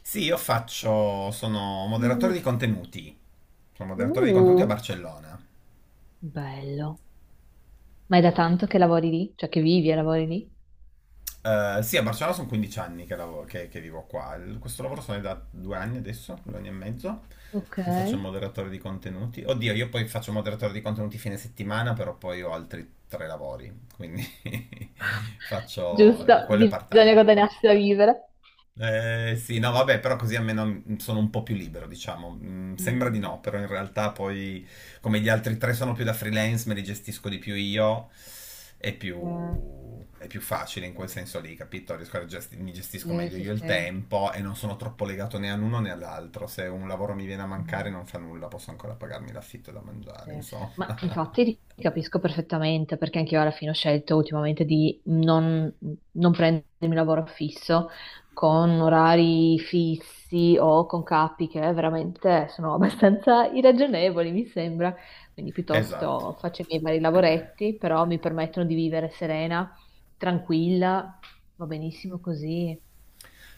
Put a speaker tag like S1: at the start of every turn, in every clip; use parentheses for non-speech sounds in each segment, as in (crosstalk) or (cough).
S1: Sì, sono moderatore
S2: Mm.
S1: di contenuti, sono moderatore di contenuti a
S2: Uh,
S1: Barcellona.
S2: Bello. Ma è da tanto che lavori lì? Cioè che vivi e lavori lì?
S1: Sì, a Barcellona sono 15 anni che vivo qua. Questo lavoro sono da due anni adesso, due anni e mezzo,
S2: Ok,
S1: che faccio il moderatore di contenuti. Oddio, io poi faccio il moderatore di contenuti fine settimana, però poi ho altri tre lavori, quindi (laughs) faccio
S2: giusto,
S1: quello è
S2: bisogna
S1: part-time.
S2: guadagnarsi da vivere.
S1: Sì, no, vabbè, però così almeno sono un po' più libero, diciamo. Sembra di
S2: Mm,
S1: no, però in realtà poi, come gli altri tre sono più da freelance, me li gestisco di più io, è più,
S2: mm, mm.
S1: è più facile in quel senso lì, capito? Mi gestisco
S2: Sì,
S1: meglio
S2: sì,
S1: io il
S2: sì.
S1: tempo e non sono troppo legato né all'uno né all'altro. Se un lavoro mi viene a mancare
S2: Mm.
S1: non fa nulla, posso ancora pagarmi l'affitto e da
S2: Sì.
S1: mangiare, insomma.
S2: Ma
S1: (laughs)
S2: infatti ti capisco perfettamente perché anche io alla fine ho scelto ultimamente di non prendermi lavoro fisso con orari fissi o con capi che veramente sono (laughs) abbastanza irragionevoli, mi sembra. Quindi
S1: Esatto.
S2: piuttosto faccio i miei vari lavoretti, però mi permettono di vivere serena, tranquilla, va benissimo così,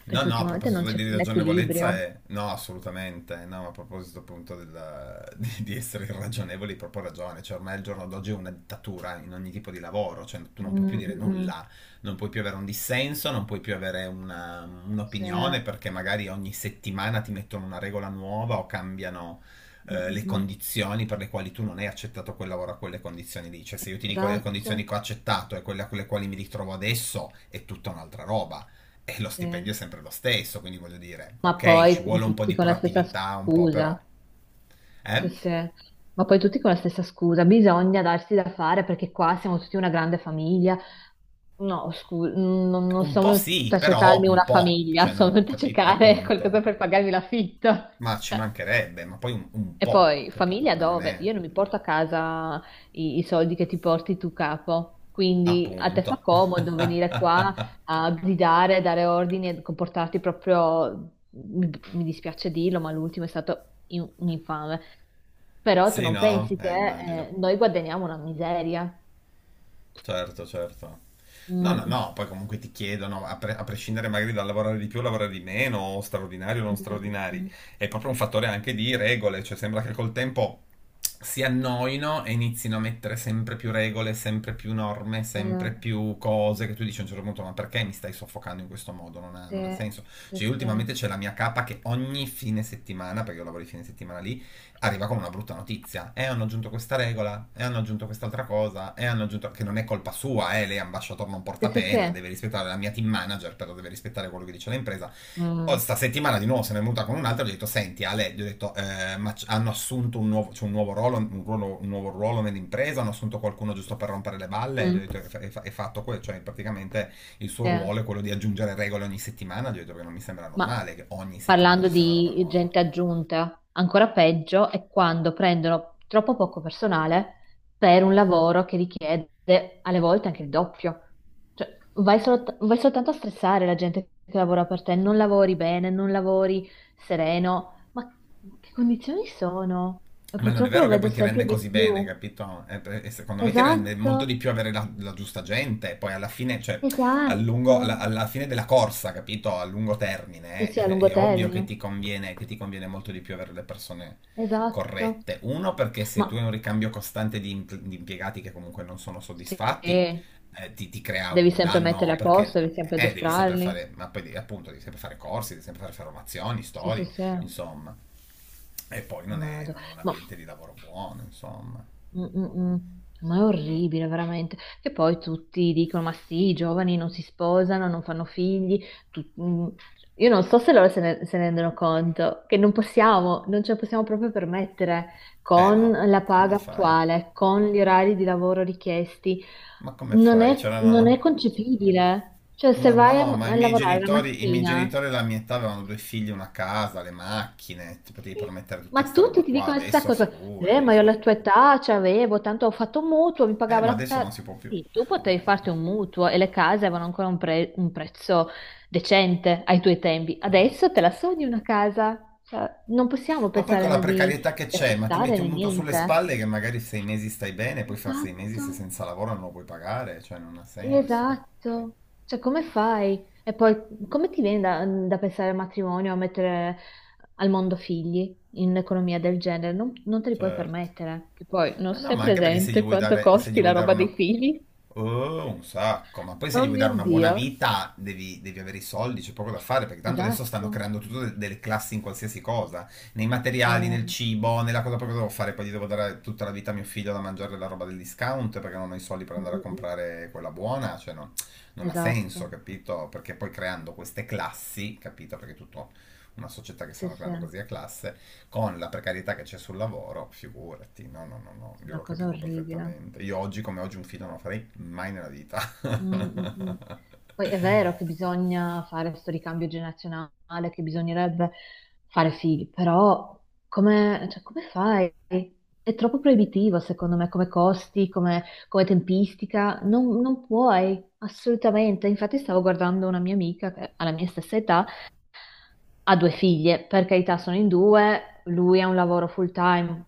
S1: No,
S2: perché
S1: no, a
S2: ultimamente non
S1: proposito
S2: c'è
S1: di
S2: più un
S1: ragionevolezza,
S2: equilibrio.
S1: no, assolutamente, no, a proposito appunto (laughs) di essere irragionevoli, hai proprio ragione, cioè ormai al giorno d'oggi è una dittatura in ogni tipo di lavoro, cioè tu non puoi più
S2: Mm,
S1: dire
S2: mm, mm.
S1: nulla, non puoi più avere un dissenso, non puoi più avere
S2: Sì. Mm,
S1: un'opinione perché magari ogni settimana ti mettono una regola nuova o cambiano
S2: mm,
S1: le
S2: mm.
S1: condizioni per le quali tu non hai accettato quel lavoro a quelle condizioni lì, cioè se io ti dico le condizioni
S2: Esatto.
S1: che ho accettato e quelle a quelle quali mi ritrovo adesso è tutta un'altra roba. E lo
S2: Sì.
S1: stipendio è sempre lo stesso, quindi voglio dire,
S2: Ma
S1: ok, ci
S2: poi
S1: vuole un po'
S2: tutti
S1: di
S2: con la stessa
S1: proattività, un po' però.
S2: scusa. Sì,
S1: Eh?
S2: sì. Ma poi tutti con la stessa scusa. Bisogna darsi da fare perché qua siamo tutti una grande famiglia. No, scusa, non
S1: Un
S2: sono
S1: po'
S2: venuta
S1: sì,
S2: a
S1: però
S2: cercarmi
S1: un
S2: una
S1: po',
S2: famiglia, (laughs)
S1: cioè
S2: sono
S1: non
S2: venuta a
S1: capito,
S2: cercare qualcosa
S1: appunto.
S2: per pagarmi l'affitto.
S1: Ma ci
S2: (laughs)
S1: mancherebbe, ma poi un
S2: E
S1: po',
S2: poi
S1: capito?
S2: famiglia
S1: Poi non
S2: dove?
S1: è
S2: Io non mi porto a casa i soldi che ti porti tu capo, quindi a te fa
S1: appunto. (laughs)
S2: comodo venire qua a gridare, a dare ordini e comportarti proprio, mi dispiace dirlo, ma l'ultimo è stato un infame. Però tu
S1: Sì,
S2: non
S1: no?
S2: pensi che
S1: Immagino.
S2: noi guadagniamo una miseria?
S1: Certo, certo. No, no,
S2: Mm,
S1: no, poi comunque ti chiedono, a prescindere magari dal lavorare di più o lavorare di meno, o straordinari o non
S2: mm, mm,
S1: straordinari,
S2: mm.
S1: è proprio un fattore anche di regole, cioè sembra che col tempo si annoino e inizino a mettere sempre più regole, sempre più norme,
S2: Eh,
S1: sempre più cose che tu dici a un certo punto, ma perché mi stai soffocando in questo modo? Non ha
S2: sì,
S1: senso. Cioè,
S2: sì,
S1: io
S2: sì.
S1: ultimamente c'è la mia capa che ogni fine settimana, perché io lavoro di fine settimana lì, arriva con una brutta notizia. E hanno aggiunto questa regola, e hanno aggiunto quest'altra cosa, e hanno aggiunto che non è colpa sua, lei è ambasciatore non
S2: Sì,
S1: porta
S2: sì,
S1: pena,
S2: sì.
S1: deve rispettare la mia team manager, però deve rispettare quello che dice l'impresa. O
S2: Mm,
S1: sta settimana di nuovo se ne è venuta con un'altra, gli ho detto, senti Ale, gli ho detto, ma hanno assunto un nuovo, cioè un nuovo ruolo, un nuovo ruolo nell'impresa, hanno assunto qualcuno giusto per rompere le balle, gli ho
S2: mm,
S1: detto, è fatto quello, cioè praticamente il suo
S2: sì.
S1: ruolo è quello di aggiungere regole ogni settimana, gli ho detto che non mi sembra
S2: Ma
S1: normale che ogni settimana
S2: parlando
S1: ci sia una roba
S2: di
S1: nuova.
S2: gente aggiunta, ancora peggio è quando prendono troppo poco personale per un lavoro che richiede alle volte anche il doppio. Cioè, vai, vai soltanto a stressare la gente che lavora per te, non lavori bene, non lavori sereno. Ma che condizioni sono? E
S1: Ma non è
S2: purtroppo
S1: vero
S2: lo
S1: che
S2: vedo
S1: poi ti
S2: sempre
S1: rende
S2: di
S1: così bene,
S2: più.
S1: capito? E secondo me ti rende
S2: Esatto,
S1: molto di più avere la giusta gente, poi alla fine, cioè, a
S2: esatto.
S1: lungo- alla, alla fine della corsa, capito? A lungo
S2: Sì,
S1: termine,
S2: sì, a
S1: è,
S2: lungo
S1: è ovvio che
S2: termine.
S1: ti conviene, che ti conviene molto di più avere le persone
S2: Esatto.
S1: corrette. Uno, perché
S2: Ma
S1: se tu hai un ricambio costante di impiegati che comunque non sono
S2: sì.
S1: soddisfatti, ti crea
S2: Devi
S1: un
S2: sempre metterli
S1: danno
S2: a
S1: perché...
S2: posto, devi sempre
S1: devi sempre
S2: addestrarli.
S1: fare, ma poi appunto devi sempre fare corsi, devi sempre fare formazioni,
S2: Sì, sì,
S1: storie,
S2: sì.
S1: insomma. E poi non è,
S2: Mado.
S1: non è un
S2: Ma,
S1: ambiente di lavoro buono, insomma.
S2: mm, mm, mm. Ma è orribile, veramente. Che poi tutti dicono: ma sì, i giovani non si sposano, non fanno figli. Mm. Io non so se loro se ne rendono conto, che non possiamo, non ce la possiamo proprio permettere
S1: Eh
S2: con
S1: no,
S2: la
S1: come
S2: paga
S1: fai?
S2: attuale, con gli orari di lavoro richiesti.
S1: Ma come
S2: Non
S1: fai?
S2: è, non
S1: C'erano...
S2: è concepibile. Cioè, se
S1: Ma
S2: vai a
S1: no, ma i
S2: a
S1: miei
S2: lavorare la
S1: genitori, i miei
S2: mattina.
S1: genitori della mia età avevano due figli, una casa, le macchine, ti potevi permettere tutta
S2: Ma
S1: sta roba
S2: tutti ti
S1: qua,
S2: dicono la stessa
S1: adesso
S2: cosa. Ma io
S1: figurati.
S2: alla tua età c'avevo, tanto ho fatto un mutuo, mi pagavo
S1: Ma
S2: la
S1: adesso
S2: casa.
S1: non si può più.
S2: Sì, tu potevi farti un
S1: (laughs)
S2: mutuo e le case avevano ancora un prezzo decente ai tuoi tempi.
S1: Certo.
S2: Adesso te la sogni una casa? Cioè, non possiamo
S1: Ma poi con
S2: pensare
S1: la
S2: né di
S1: precarietà che c'è, ma ti
S2: acquistare
S1: metti
S2: né
S1: un mutuo sulle
S2: niente.
S1: spalle che magari sei mesi stai bene, poi fra sei mesi
S2: Esatto.
S1: sei senza lavoro non lo puoi pagare, cioè non ha senso.
S2: Esatto, cioè come fai? E poi come ti viene da pensare al matrimonio, a mettere al mondo figli in un'economia del genere? Non te li puoi
S1: Certo.
S2: permettere. Che poi non
S1: Ma no,
S2: sei
S1: ma anche perché se gli
S2: presente
S1: vuoi
S2: quanto. Ma che
S1: dare, se gli
S2: costi la
S1: vuoi dare
S2: roba schifo dei
S1: una...
S2: figli?
S1: Oh, un sacco, ma poi se gli
S2: Oh
S1: vuoi
S2: mio
S1: dare una buona
S2: Dio.
S1: vita devi avere i soldi, c'è poco da fare, perché tanto adesso stanno
S2: Esatto,
S1: creando tutte delle classi in qualsiasi cosa, nei
S2: sì.
S1: materiali, nel
S2: Mm,
S1: cibo, nella cosa proprio che devo fare, poi gli devo dare tutta la vita a mio figlio da mangiare la roba del discount perché non ho i soldi per
S2: mm,
S1: andare a
S2: mm.
S1: comprare quella buona, cioè non ha senso,
S2: Esatto,
S1: capito? Perché poi creando queste classi, capito? Perché è tutto una società che
S2: sì,
S1: stanno
S2: sì, sì,
S1: creando così a classe, con la precarietà che c'è sul lavoro, figurati, no, no, no, no,
S2: è
S1: io
S2: una
S1: lo
S2: cosa
S1: capisco
S2: orribile.
S1: perfettamente. Io oggi come oggi un film non lo farei mai nella vita. (laughs)
S2: Mm, mm, mm. Poi è vero che bisogna fare questo ricambio generazionale, che bisognerebbe fare figli, però come, cioè, come fai? È troppo proibitivo, secondo me, come costi, come tempistica. Non puoi, assolutamente. Infatti stavo guardando una mia amica che ha la mia stessa età, ha due figlie, per carità sono in due, lui ha un lavoro full time,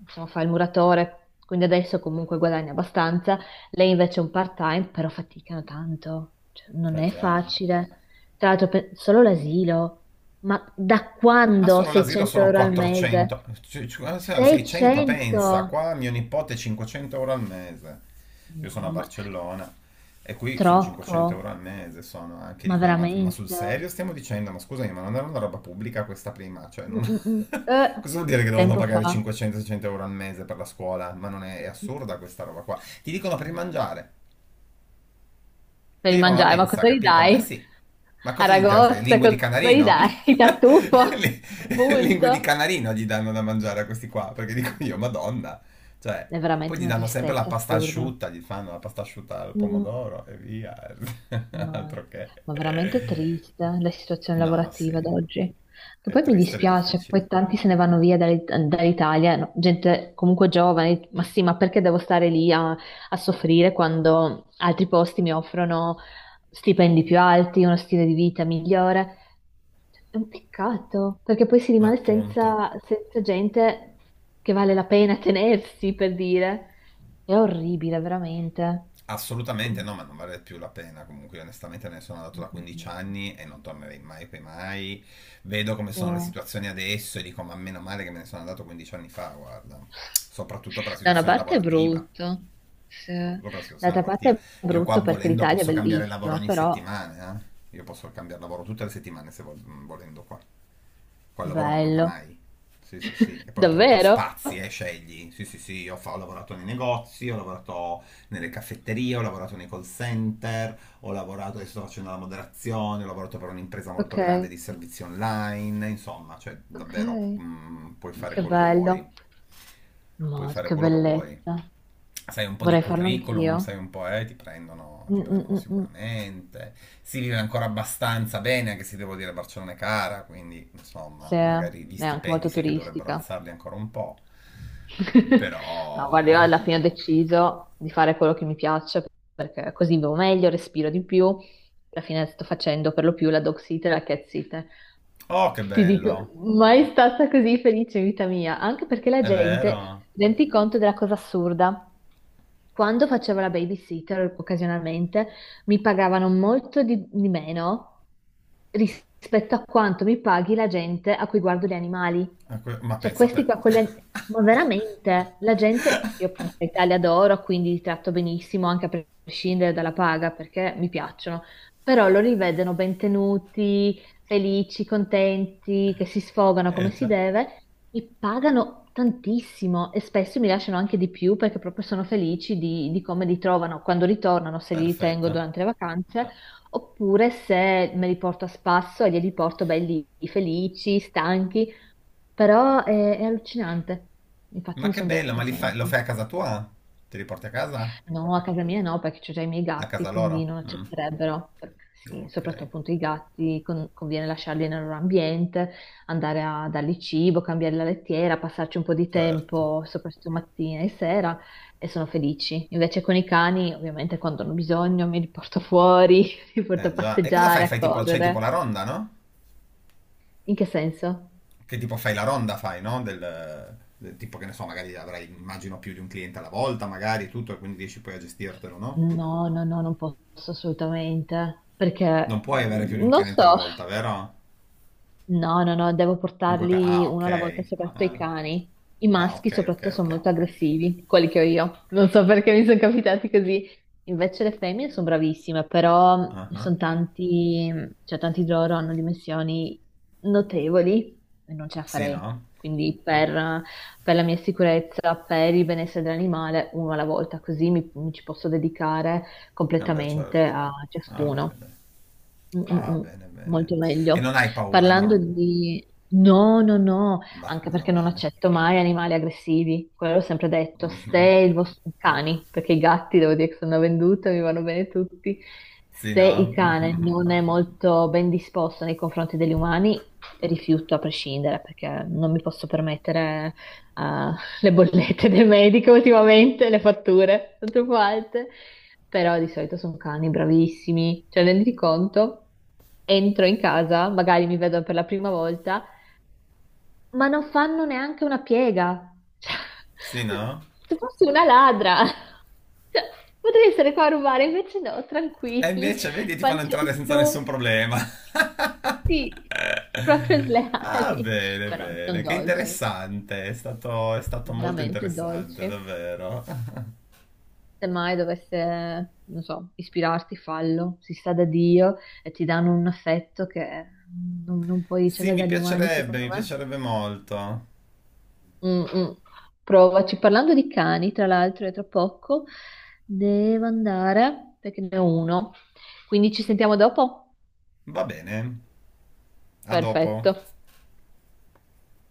S2: insomma fa il muratore, quindi adesso comunque guadagna abbastanza, lei invece è un part time, però faticano tanto, cioè, non
S1: Eh
S2: è
S1: già, eh.
S2: facile. Tra l'altro solo l'asilo, ma da
S1: Ma
S2: quando
S1: solo l'asilo
S2: 600
S1: sono
S2: euro al
S1: 400,
S2: mese?
S1: 600 pensa,
S2: 600?
S1: qua mio nipote 500 euro al mese, io sono a
S2: No, ma
S1: Barcellona e qui sono 500
S2: troppo,
S1: euro al mese, sono anche
S2: ma
S1: lì, ma sul
S2: veramente?
S1: serio stiamo dicendo, ma scusami, ma non era una roba pubblica questa prima, cioè
S2: Mm,
S1: non... (laughs)
S2: mm, mm.
S1: Cosa vuol dire che devono
S2: Tempo fa.
S1: pagare 500-600 euro al mese per la scuola? Ma non è, è assurda questa roba qua. Ti dicono per il mangiare,
S2: Per
S1: ti
S2: il
S1: dicono la
S2: mangiare, ma
S1: mensa,
S2: cosa gli
S1: capito? Eh
S2: dai?
S1: sì, ma cosa gli dai?
S2: Aragosta,
S1: Lingue di
S2: cosa gli
S1: canarino?
S2: dai? (laughs)
S1: (laughs)
S2: Tartufo,
S1: Lingue di
S2: appunto.
S1: canarino gli danno da mangiare a questi qua, perché dico io, Madonna. Cioè,
S2: È
S1: poi
S2: veramente
S1: gli
S2: una
S1: danno sempre la
S2: tristezza
S1: pasta
S2: assurda.
S1: asciutta, gli fanno la pasta asciutta al
S2: Mm,
S1: pomodoro e via. (laughs)
S2: ma,
S1: Altro che.
S2: ma veramente triste la situazione
S1: No, sì,
S2: lavorativa ad oggi. Che
S1: è
S2: poi mi
S1: triste ed è
S2: dispiace,
S1: difficile.
S2: poi tanti se ne vanno via dall'Italia, no, gente comunque giovane, ma sì, ma perché devo stare lì a soffrire quando altri posti mi offrono stipendi più alti, uno stile di vita migliore? È un peccato, perché poi si
S1: Ma
S2: rimane
S1: appunto.
S2: senza gente che vale la pena (laughs) tenersi, per dire. È orribile, veramente.
S1: Assolutamente
S2: Mm,
S1: no, ma non vale più la pena. Comunque, io onestamente, me ne sono andato
S2: mm,
S1: da
S2: mm, mm.
S1: 15 anni e non tornerei mai, poi mai. Vedo come sono le
S2: Eh.
S1: situazioni adesso e dico: ma meno male che me ne sono andato 15 anni fa, guarda. Soprattutto per la
S2: Da una
S1: situazione
S2: parte è
S1: lavorativa.
S2: brutto, sì.
S1: Soprattutto per la situazione
S2: D'altra parte
S1: lavorativa.
S2: è
S1: Io qua
S2: brutto perché
S1: volendo
S2: l'Italia è
S1: posso cambiare lavoro
S2: bellissima,
S1: ogni
S2: però
S1: settimana, eh. Io posso cambiare lavoro tutte le settimane se volendo qua. Qua il lavoro non manca
S2: bello.
S1: mai. Sì, sì, sì. E
S2: (laughs)
S1: poi oltretutto
S2: Davvero?
S1: spazi, scegli. Sì, sì, sì, io ho lavorato nei negozi, ho lavorato nelle caffetterie, ho lavorato nei call center, ho lavorato, adesso sto facendo la moderazione, ho lavorato per un'impresa molto
S2: Ok,
S1: grande di servizi online, insomma, cioè
S2: ok,
S1: davvero puoi fare
S2: che
S1: quello che vuoi,
S2: bello.
S1: puoi
S2: Mod,
S1: fare
S2: che
S1: quello che vuoi
S2: bellezza.
S1: sai un po' di
S2: Vorrei farlo
S1: curriculum,
S2: anch'io.
S1: sai un po', ti prendono, ti
S2: Mm, mm,
S1: prendono
S2: mm, mm.
S1: sicuramente. Si vive ancora abbastanza bene, anche se devo dire Barcellona è cara, quindi insomma,
S2: Sì,
S1: magari gli
S2: è anche
S1: stipendi
S2: molto
S1: sì che dovrebbero
S2: turistica.
S1: alzarli ancora un po'.
S2: (laughs) No, guarda,
S1: Però...
S2: io alla fine ho deciso di fare quello che mi piace perché così vivo meglio, respiro di più. Alla fine sto facendo per lo più la dog sitter e la cat sitter.
S1: Oh, che
S2: Ti dico,
S1: bello!
S2: mai stata così felice in vita mia, anche perché la
S1: È
S2: gente
S1: vero?
S2: rende conto della cosa assurda. Quando facevo la babysitter occasionalmente mi pagavano molto di meno rispetto a quanto mi paghi la gente a cui guardo gli animali.
S1: Ma
S2: Cioè
S1: pensa a te.
S2: questi qua con gli (laughs) ma veramente, la gente, io per carità li adoro, quindi li tratto benissimo anche a prescindere dalla paga perché mi piacciono, però loro li vedono ben tenuti, felici, contenti, che si sfogano come
S1: Eh
S2: si
S1: già,
S2: deve, mi pagano tantissimo e spesso mi lasciano anche di più perché proprio sono felici di come li trovano quando ritornano, se li ritengo
S1: perfetto.
S2: durante le vacanze, oppure se me li porto a spasso e li porto belli felici, stanchi, però è allucinante. Infatti
S1: Ma
S2: mi
S1: che
S2: sono
S1: bello,
S2: detta,
S1: ma lo
S2: senti,
S1: fai a casa tua? Ti riporti a casa?
S2: no, a casa mia no, perché c'ho già i miei
S1: A casa
S2: gatti, quindi
S1: loro?
S2: non
S1: Mm,
S2: accetterebbero. Sì,
S1: ok,
S2: soprattutto appunto i gatti, conviene lasciarli nel loro ambiente, andare a dargli cibo, cambiare la lettiera, passarci un po' di
S1: certo.
S2: tempo, soprattutto mattina e sera, e sono felici. Invece con i cani, ovviamente, quando hanno bisogno, mi li porto fuori, (laughs) li porto
S1: Eh
S2: a
S1: già. E cosa fai?
S2: passeggiare, a
S1: Fai tipo, c'hai tipo la
S2: correre.
S1: ronda, no?
S2: In che senso?
S1: Che tipo fai la ronda, fai, no? Del tipo che ne so, magari avrai, immagino, più di un cliente alla volta, magari e tutto, e quindi riesci poi a gestirtelo, no?
S2: No, no, no, non posso assolutamente, perché
S1: Non puoi avere più di un
S2: non
S1: cliente alla
S2: so.
S1: volta, vero?
S2: No, no, no, devo portarli
S1: Ah, ok.
S2: uno alla volta, soprattutto i
S1: Ah,
S2: cani. I
S1: ah,
S2: maschi
S1: ok, ok,
S2: soprattutto sono
S1: ok.
S2: molto aggressivi, quelli che ho io. Non so perché mi sono capitati così. Invece le femmine sono bravissime, però
S1: Ah,
S2: sono tanti, cioè tanti di loro hanno dimensioni notevoli e non ce la
S1: sì,
S2: farei.
S1: no?
S2: Quindi per la mia sicurezza, per il benessere dell'animale, uno alla volta, così mi ci posso dedicare
S1: Eh beh,
S2: completamente
S1: certo.
S2: a
S1: Ah, bene,
S2: ciascuno.
S1: bene.
S2: Mm, mm,
S1: Ah,
S2: mm.
S1: bene, bene.
S2: Molto
S1: E
S2: meglio.
S1: non hai paura,
S2: Parlando
S1: no?
S2: di... no, no, no,
S1: Bah,
S2: anche
S1: meno
S2: perché non
S1: male.
S2: accetto mai animali aggressivi. Quello ho sempre detto, se
S1: Mhm.
S2: i vostri cani, perché i gatti devo dire che sono venduta, mi vanno bene tutti,
S1: Sì,
S2: se
S1: no?
S2: il
S1: (laughs)
S2: cane
S1: Mhm.
S2: non è molto ben disposto nei confronti degli umani, rifiuto a prescindere, perché non mi posso permettere eh, (laughs) le bollette del medico ultimamente, le fatture sono troppo alte, però di solito sono cani bravissimi, cioè renditi conto, entro in casa, magari mi vedono per la prima volta, ma non fanno neanche una piega, cioè,
S1: Sì,
S2: (laughs)
S1: no?
S2: se fossi una ladra, (laughs) cioè, potrei essere qua a rubare, invece no,
S1: E
S2: tranquilli,
S1: invece, vedi, ti fanno
S2: pancia
S1: entrare
S2: in
S1: senza
S2: su,
S1: nessun problema.
S2: sì, proprio
S1: Ah,
S2: sleali,
S1: bene,
S2: però sono
S1: bene, che
S2: dolci,
S1: interessante, è stato molto
S2: veramente
S1: interessante,
S2: dolci.
S1: davvero.
S2: Se mai dovesse, non so, ispirarti, fallo, si sa da Dio e ti danno un affetto che non puoi
S1: Sì,
S2: ricevere dagli umani, secondo
S1: mi
S2: me.
S1: piacerebbe molto.
S2: Mm, mm. Provaci. Parlando di cani, tra l'altro, è tra poco, devo andare perché ne ho uno. Quindi ci sentiamo dopo?
S1: Va bene, a dopo.
S2: Perfetto.